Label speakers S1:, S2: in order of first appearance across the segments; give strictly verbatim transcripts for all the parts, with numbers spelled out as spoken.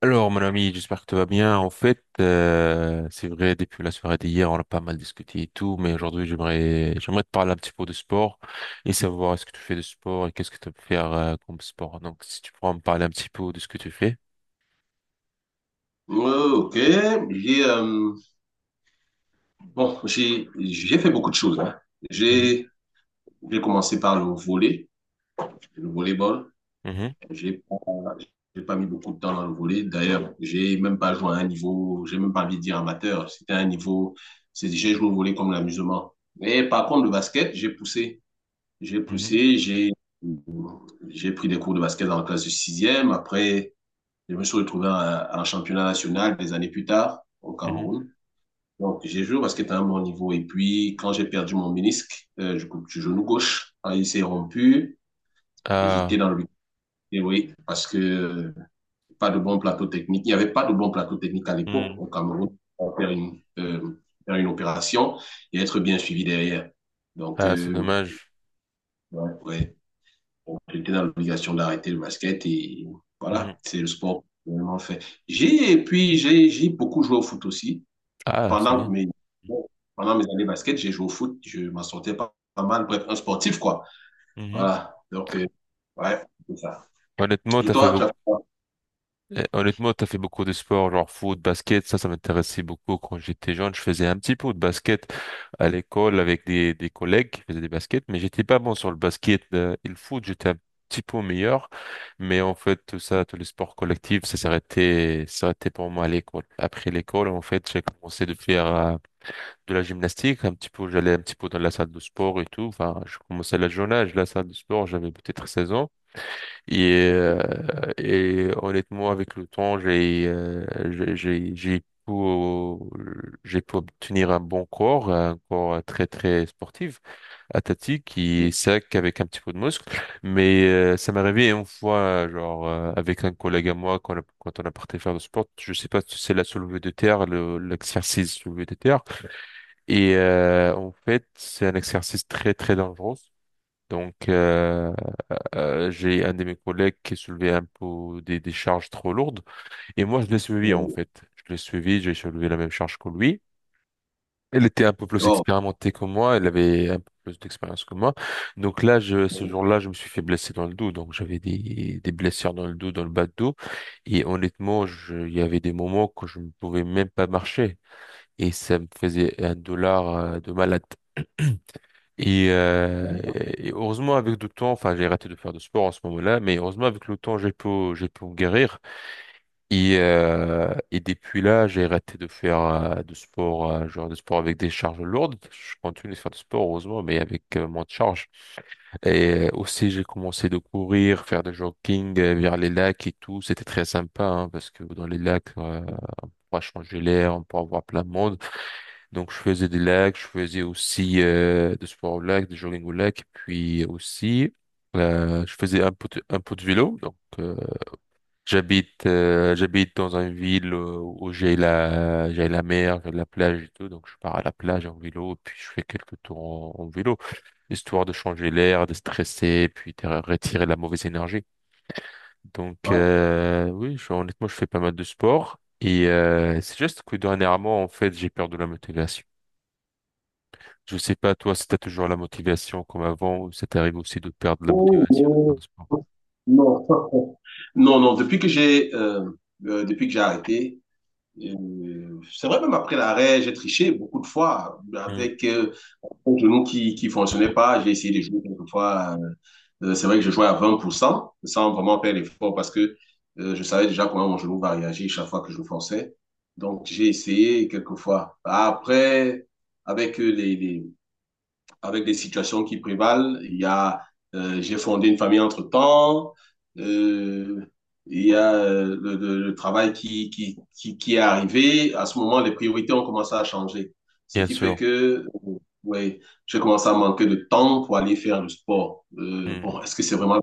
S1: Alors, mon ami, j'espère que tu vas bien. En fait, euh, c'est vrai, depuis la soirée d'hier, on a pas mal discuté et tout, mais aujourd'hui, j'aimerais, j'aimerais te parler un petit peu de sport et savoir est-ce que tu fais de sport et qu'est-ce que tu peux faire euh, comme sport. Donc, si tu pourras me parler un petit peu de ce que tu fais.
S2: Euh, ok, j'ai euh, bon, j'ai j'ai fait beaucoup de choses. hein.
S1: Mhm,
S2: J'ai j'ai commencé par le volley, le volleyball.
S1: mhm,
S2: J'ai pas j'ai pas mis beaucoup de temps dans le volley. D'ailleurs, j'ai même pas joué à un niveau, j'ai même pas envie de dire amateur. C'était un niveau, c'est j'ai joué au volley comme l'amusement. Mais par contre, le basket, j'ai poussé, j'ai
S1: mhm,
S2: poussé, j'ai j'ai pris des cours de basket dans la classe de sixième. Après, je me suis retrouvé à à un championnat national des années plus tard au
S1: mhm.
S2: Cameroun. Donc, j'ai joué au basket à un bon niveau. Et puis, quand j'ai perdu mon ménisque euh, du, coup, du genou gauche, quand il s'est rompu, j'étais
S1: Ah.
S2: dans le et oui, parce que euh, pas de bon plateau technique. Il n'y avait pas de bon plateau technique à l'époque
S1: Hmm.
S2: au Cameroun pour faire une, euh, faire une opération et être bien suivi derrière. Donc,
S1: Ah, c'est
S2: euh,
S1: dommage.
S2: ouais, ouais. Donc, j'étais dans l'obligation d'arrêter le basket et voilà,
S1: Mhm.
S2: c'est le sport que j'ai vraiment fait. J'ai, et puis, j'ai j'ai beaucoup joué au foot aussi.
S1: Ah, c'est
S2: pendant
S1: bien.
S2: mes, pendant mes années basket, j'ai joué au foot, je m'en sortais pas, pas mal. Bref, un sportif, quoi.
S1: Mhm.
S2: Voilà. Donc, euh, ouais, c'est ça.
S1: Honnêtement,
S2: Et
S1: t'as fait
S2: toi, tu as
S1: beaucoup.
S2: fait quoi?
S1: Eh, honnêtement, t'as fait beaucoup de sports, genre foot, basket, ça, ça m'intéressait beaucoup quand j'étais jeune. Je faisais un petit peu de basket à l'école avec des, des collègues qui faisaient des baskets, mais j'étais pas bon sur le basket euh, et le foot, j'étais un petit peu meilleur. Mais en fait, tout ça, tous les sports collectifs, ça s'arrêtait, ça s'arrêtait pour moi à l'école. Après l'école, en fait, j'ai commencé de faire euh, de la gymnastique, un petit peu, j'allais un petit peu dans la salle de sport et tout. Enfin, je commençais à la jeune âge, la salle de sport, j'avais peut-être seize ans. Et, euh, et honnêtement, avec le temps, j'ai euh, j'ai j'ai j'ai pu j'ai pu obtenir un bon corps, un corps très très sportif, athlétique, et sec avec un petit peu de muscle. Mais euh, ça m'est arrivé une fois, genre euh, avec un collègue à moi, quand, on a- quand on a parti faire du sport, je sais pas si c'est la soulevée de terre, le- l'exercice soulevé de terre. Et euh, en fait, c'est un exercice très très dangereux. Donc, euh, euh, j'ai un de mes collègues qui soulevait un peu des, des charges trop lourdes. Et moi, je l'ai suivi, en
S2: Euh,
S1: fait. Je l'ai suivi, j'ai soulevé la même charge que lui. Elle était un peu plus
S2: oh.
S1: expérimentée que moi, elle avait un peu plus d'expérience que moi. Donc là, je, ce jour-là, je me suis fait blesser dans le dos. Donc j'avais des, des blessures dans le dos, dans le bas de dos. Et honnêtement, je, il y avait des moments que je ne pouvais même pas marcher. Et ça me faisait un dollar euh, de malade. Et, euh, et heureusement avec le temps, enfin j'ai arrêté de faire de sport en ce moment-là, mais heureusement avec le temps j'ai pu j'ai pu me guérir. Et, euh, et depuis là j'ai arrêté de faire euh, de sport, euh, genre de sport avec des charges lourdes. Je continue de faire du sport heureusement, mais avec euh, moins de charges. Et euh, aussi j'ai commencé de courir, faire du jogging euh, vers les lacs et tout. C'était très sympa hein, parce que dans les lacs, euh, on pourra changer l'air, on pourra voir plein de monde. Donc, je faisais des lacs, je faisais aussi euh, du sport au lac, du jogging au lac, puis aussi, euh, je faisais un peu de, un peu de vélo. Donc, euh, j'habite euh, j'habite dans une ville euh, où j'ai la j'ai la mer, j'ai la plage et tout. Donc, je pars à la plage en vélo, puis je fais quelques tours en, en vélo, histoire de changer l'air, de stresser, puis de retirer la mauvaise énergie. Donc, euh, oui, je- honnêtement, je fais pas mal de sport. Et euh, c'est juste que dernièrement, en fait, j'ai perdu la motivation. Je sais pas, toi, si t'as toujours la motivation comme avant, ou ça t'arrive aussi de perdre la
S2: Oh,
S1: motivation à faire
S2: oh.
S1: du sport.
S2: Non. Non, non, depuis que j'ai euh, euh, depuis que j'ai arrêté, Euh, c'est vrai, même après l'arrêt, j'ai triché beaucoup de fois
S1: Hmm,
S2: avec euh, mon genou qui qui fonctionnait pas. J'ai essayé de jouer quelques fois. euh, euh, c'est vrai que je jouais à vingt pour cent sans vraiment faire l'effort parce que euh, je savais déjà comment mon genou va réagir chaque fois que je forçais. Donc, j'ai essayé quelques fois. Après, avec euh, les, les, avec des situations qui prévalent. Il y a, euh, j'ai fondé une famille entre-temps. Euh, il y a euh, le, le- le travail qui, qui, qui, qui est arrivé. À ce moment, les priorités ont commencé à changer. Ce
S1: bien
S2: qui fait
S1: sûr.
S2: que, euh, ouais, j'ai commencé à manquer de temps pour aller faire le sport. Euh,
S1: Hmm,
S2: bon, est-ce que c'est vraiment,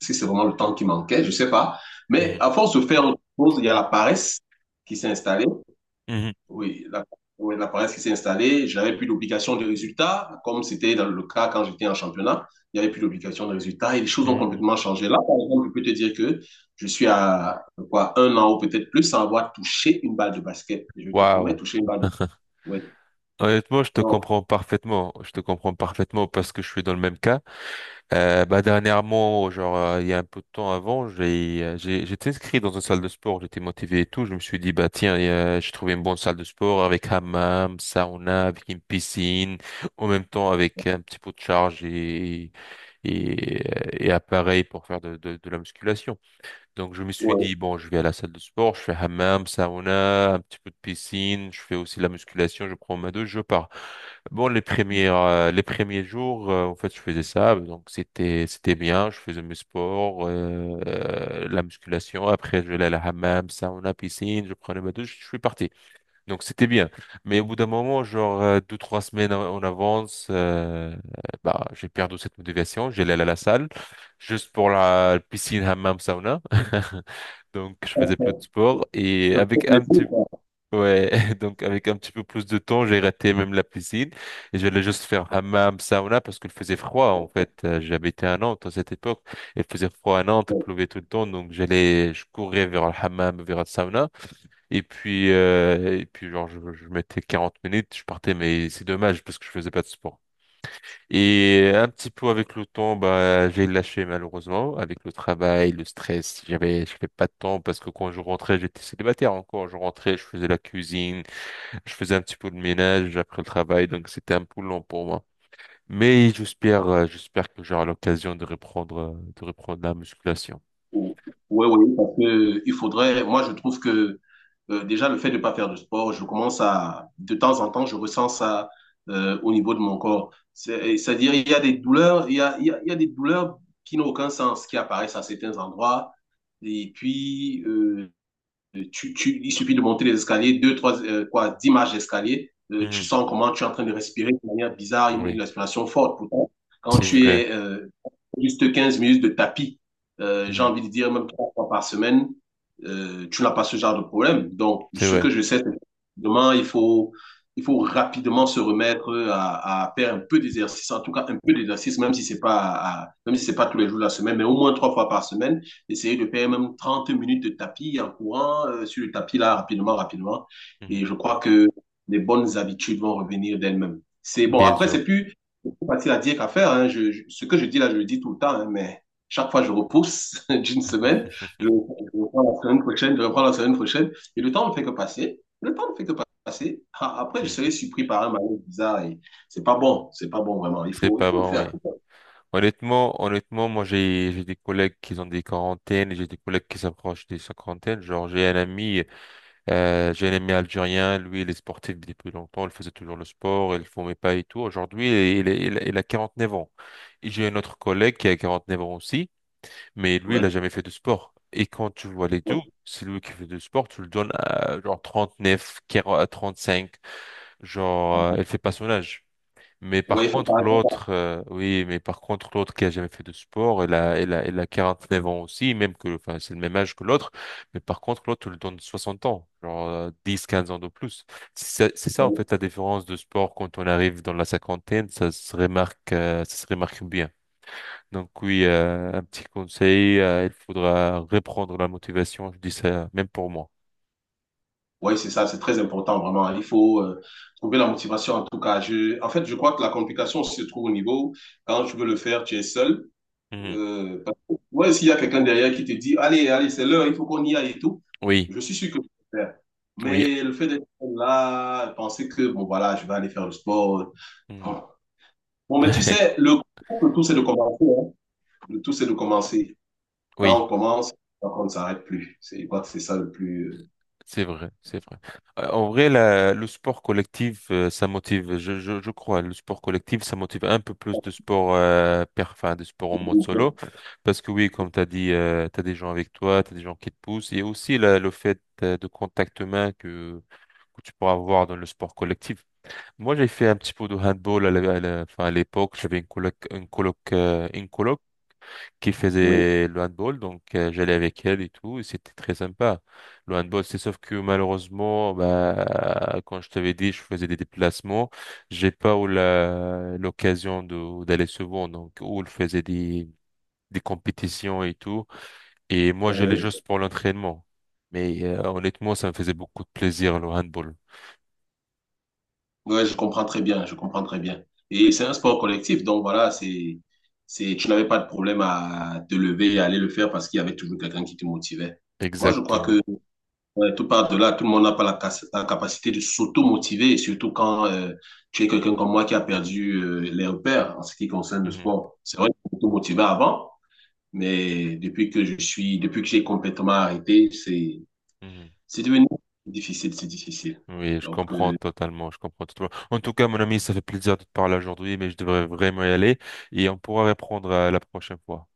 S2: est-ce que c'est vraiment le temps qui manquait? Je sais pas. Mais
S1: hmm,
S2: à force de faire autre chose, il y a la paresse qui s'est installée.
S1: hmm,
S2: Oui, la, oui, la paresse qui s'est installée, je n'avais plus d'obligation de résultat, comme c'était dans le cas quand j'étais en championnat. Il n'y avait plus d'obligation de résultat et les choses ont
S1: hmm.
S2: complètement changé. Là, par exemple, je peux te dire que je suis à quoi, un an ou peut-être plus sans avoir touché une balle de basket. Je te promets,
S1: Waouh.
S2: toucher une balle de basket. Ouais.
S1: Honnêtement, je te
S2: Donc,
S1: comprends parfaitement. Je te comprends parfaitement parce que je suis dans le même cas. Euh, bah dernièrement, genre euh, il y a un peu de temps avant, j'ai euh, j'ai- j'étais inscrit dans une salle de sport, j'étais motivé et tout. Je me suis dit bah tiens, euh, j'ai trouvé une bonne salle de sport avec hammam, sauna, avec une piscine, en même temps avec un petit peu de charge et et, euh, et appareil pour faire de de, de la musculation. Donc, je me suis
S2: ouais.
S1: dit, bon, je vais à la salle de sport, je fais hammam, sauna, un petit peu de piscine, je fais aussi la musculation, je prends ma douche, je pars. Bon, les premiers euh, les premiers jours, euh, en fait, je faisais ça, donc c'était, c'était bien, je faisais mes sports, euh, euh, la musculation, après, je vais à la hammam, sauna, piscine, je prenais ma douche, je suis parti. Donc c'était bien. Mais au bout d'un moment, genre euh, deux, trois semaines en en avance, euh, bah, j'ai perdu cette motivation. J'allais à la salle juste pour la piscine, hammam, sauna. Donc je faisais plus de sport et
S2: Le
S1: avec
S2: foot
S1: un petit
S2: quoi.
S1: ouais, donc avec un petit peu plus de temps, j'ai raté même la piscine et j'allais juste faire hammam, sauna parce qu'il faisait froid en fait. Euh, J'habitais à Nantes à cette époque, il faisait froid à Nantes, il
S2: Ouais.
S1: pleuvait tout le temps, donc j'allais je courais vers le hammam, vers le sauna. Et puis, euh, et puis genre, je, je mettais quarante minutes, je partais, mais c'est dommage parce que je faisais pas de sport. Et un petit peu avec le temps, bah, j'ai lâché malheureusement, avec le travail, le stress, j'avais, j'avais pas de temps parce que quand je rentrais, j'étais célibataire encore. Je rentrais, je faisais la cuisine, je faisais un petit peu de ménage après le travail, donc c'était un peu long pour moi. Mais j'espère, euh, j'espère que j'aurai l'occasion de reprendre, euh, de reprendre la musculation.
S2: Oui, oui, parce que il faudrait, moi je trouve que euh, déjà le fait de ne pas faire de sport, je commence à, de temps en temps, je ressens ça euh, au niveau de mon corps. C'est- C'est-à-dire, il y a des douleurs, il y a, il y a, il y a des douleurs qui n'ont aucun sens, qui apparaissent à certains endroits. Et puis, euh, euh, Tu, tu, il suffit de monter les escaliers, deux, trois, euh, quoi, dix marches d'escalier. Euh, tu
S1: Mhm.
S2: sens comment tu es en train de respirer de manière bizarre, une,
S1: Oui,
S2: une respiration forte. Pourtant, quand
S1: c'est
S2: tu
S1: vrai.
S2: es euh, juste quinze minutes de tapis, euh, j'ai
S1: Mhm.
S2: envie de dire même trois fois par semaine, euh, tu n'as pas ce genre de problème. Donc,
S1: C'est
S2: ce
S1: vrai.
S2: que je sais, c'est que demain, il faut, il faut rapidement se remettre à, à faire un peu d'exercice, en tout cas un peu d'exercice, même si c'est pas, à- même si c'est pas tous les jours de la semaine, mais au moins trois fois par semaine essayer de faire même trente minutes de tapis en courant euh, sur le tapis là rapidement, rapidement. Et
S1: Mhm.
S2: je crois que les bonnes habitudes vont revenir d'elles-mêmes. C'est bon,
S1: Bien
S2: après,
S1: sûr.
S2: c'est plus, c'est plus facile à dire qu'à faire. hein. Je- je- ce que je dis là, je le dis tout le temps, hein, mais chaque fois, je repousse d'une semaine. Je, je reprends la semaine prochaine, je reprends la semaine prochaine. Et le temps ne fait que passer. Le temps ne fait que passer. Ah, après, je
S1: Hmm.
S2: serai surpris par un malaise bizarre et c'est pas bon. C'est pas bon, vraiment. Il
S1: C'est
S2: faut, il
S1: pas
S2: faut le
S1: bon, oui.
S2: faire.
S1: Honnêtement, honnêtement, moi j'ai j'ai des collègues qui ont des quarantaines, et j'ai des collègues qui s'approchent des cinquantaines. Genre j'ai un ami, euh, j'ai un ami algérien, lui il est sportif depuis longtemps, il faisait toujours le sport, il fumait pas et tout. Aujourd'hui il, est- il, est- il a quarante-neuf ans. Et j'ai un autre collègue qui a quarante neuf ans aussi, mais lui
S2: Ouais,
S1: il a jamais fait de sport. Et quand tu vois les deux, c'est lui qui fait du sport, tu le donnes à genre trente-neuf, quarante trente cinq genre euh, il fait pas son âge. Mais par
S2: ouais, il faut faire
S1: contre,
S2: attention.
S1: l'autre, euh, oui, mais par contre, l'autre qui a jamais fait de sport, elle a, elle a, elle a quarante-neuf ans aussi, même que, enfin, c'est le même âge que l'autre. Mais par contre, l'autre, tu le donne soixante ans, genre euh, dix, quinze ans de plus. C'est ça, c'est ça, en fait, la différence de sport quand on arrive dans la cinquantaine, ça se remarque, euh, ça se remarque bien. Donc oui, euh, un petit conseil, euh, il faudra reprendre la motivation, je dis ça même pour moi.
S2: Oui, c'est ça, c'est très important, vraiment. Il faut euh, trouver la motivation, en tout cas. Je, en fait, je crois que la complication se trouve au niveau, quand tu veux le faire, tu es seul.
S1: Mhm.
S2: Euh, parce que, ouais, s'il y a quelqu'un derrière qui te dit, allez, allez, c'est l'heure, il faut qu'on y aille et tout,
S1: Oui,
S2: je suis sûr que je peux le faire.
S1: oui.
S2: Mais le fait d'être là, penser que, bon, voilà, je vais aller faire le sport.
S1: Mhm.
S2: Bon, Bon, mais tu sais, le, le tout, c'est de commencer. hein. Le tout, c'est de commencer. Quand
S1: Oui.
S2: on commence, on ne s'arrête plus. C'est, je crois que c'est ça le plus...
S1: C'est vrai, c'est vrai. Euh, En vrai, la- le sport collectif, euh, ça motive, je, je, je crois, le sport collectif, ça motive un peu plus de sport, euh, per, enfin, de sport en mode
S2: euh,
S1: solo. Parce que oui, comme tu as dit, tu as des gens avec toi, tu as des gens qui te poussent. Et aussi la- le fait euh, de contact humain que, que tu pourras avoir dans le sport collectif. Moi, j'ai fait un petit peu de handball à la- à la- enfin, à l'époque. J'avais une coloc, une coloc, euh, une coloc qui
S2: Oui.
S1: faisait le handball, donc euh, j'allais avec elle et tout, et c'était très sympa. Le handball, c'est sauf que malheureusement, bah, quand je t'avais dit, je faisais des déplacements, j'ai pas eu la- l'occasion de d'aller souvent, donc où elle faisait des des compétitions et tout, et moi j'allais juste pour l'entraînement. Mais euh, honnêtement, ça me faisait beaucoup de plaisir le handball.
S2: Ouais, je comprends très bien, je comprends très bien. Et c'est un sport collectif, donc voilà, c'est, c'est, tu n'avais pas de problème à te lever et aller le faire parce qu'il y avait toujours quelqu'un qui te motivait. Moi, je crois
S1: Exactement.
S2: que ouais, tout part de là, tout le monde n'a pas la, cas- la capacité de s'auto-motiver, surtout quand euh, tu es quelqu'un comme moi qui a perdu euh, les repères en ce qui concerne le
S1: Mhm,
S2: sport. C'est vrai que je m'auto-motivais avant, mais depuis que je suis, depuis que j'ai complètement arrêté, c'est,
S1: mhm.
S2: c'est devenu difficile, c'est difficile.
S1: Oui, je
S2: Donc,
S1: comprends
S2: euh,
S1: totalement, je comprends totalement. En tout cas, mon ami, ça fait plaisir de te parler aujourd'hui, mais je devrais vraiment y aller et on pourra reprendre euh, la prochaine fois.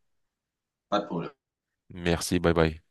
S2: pas de problème.
S1: Merci, bye bye.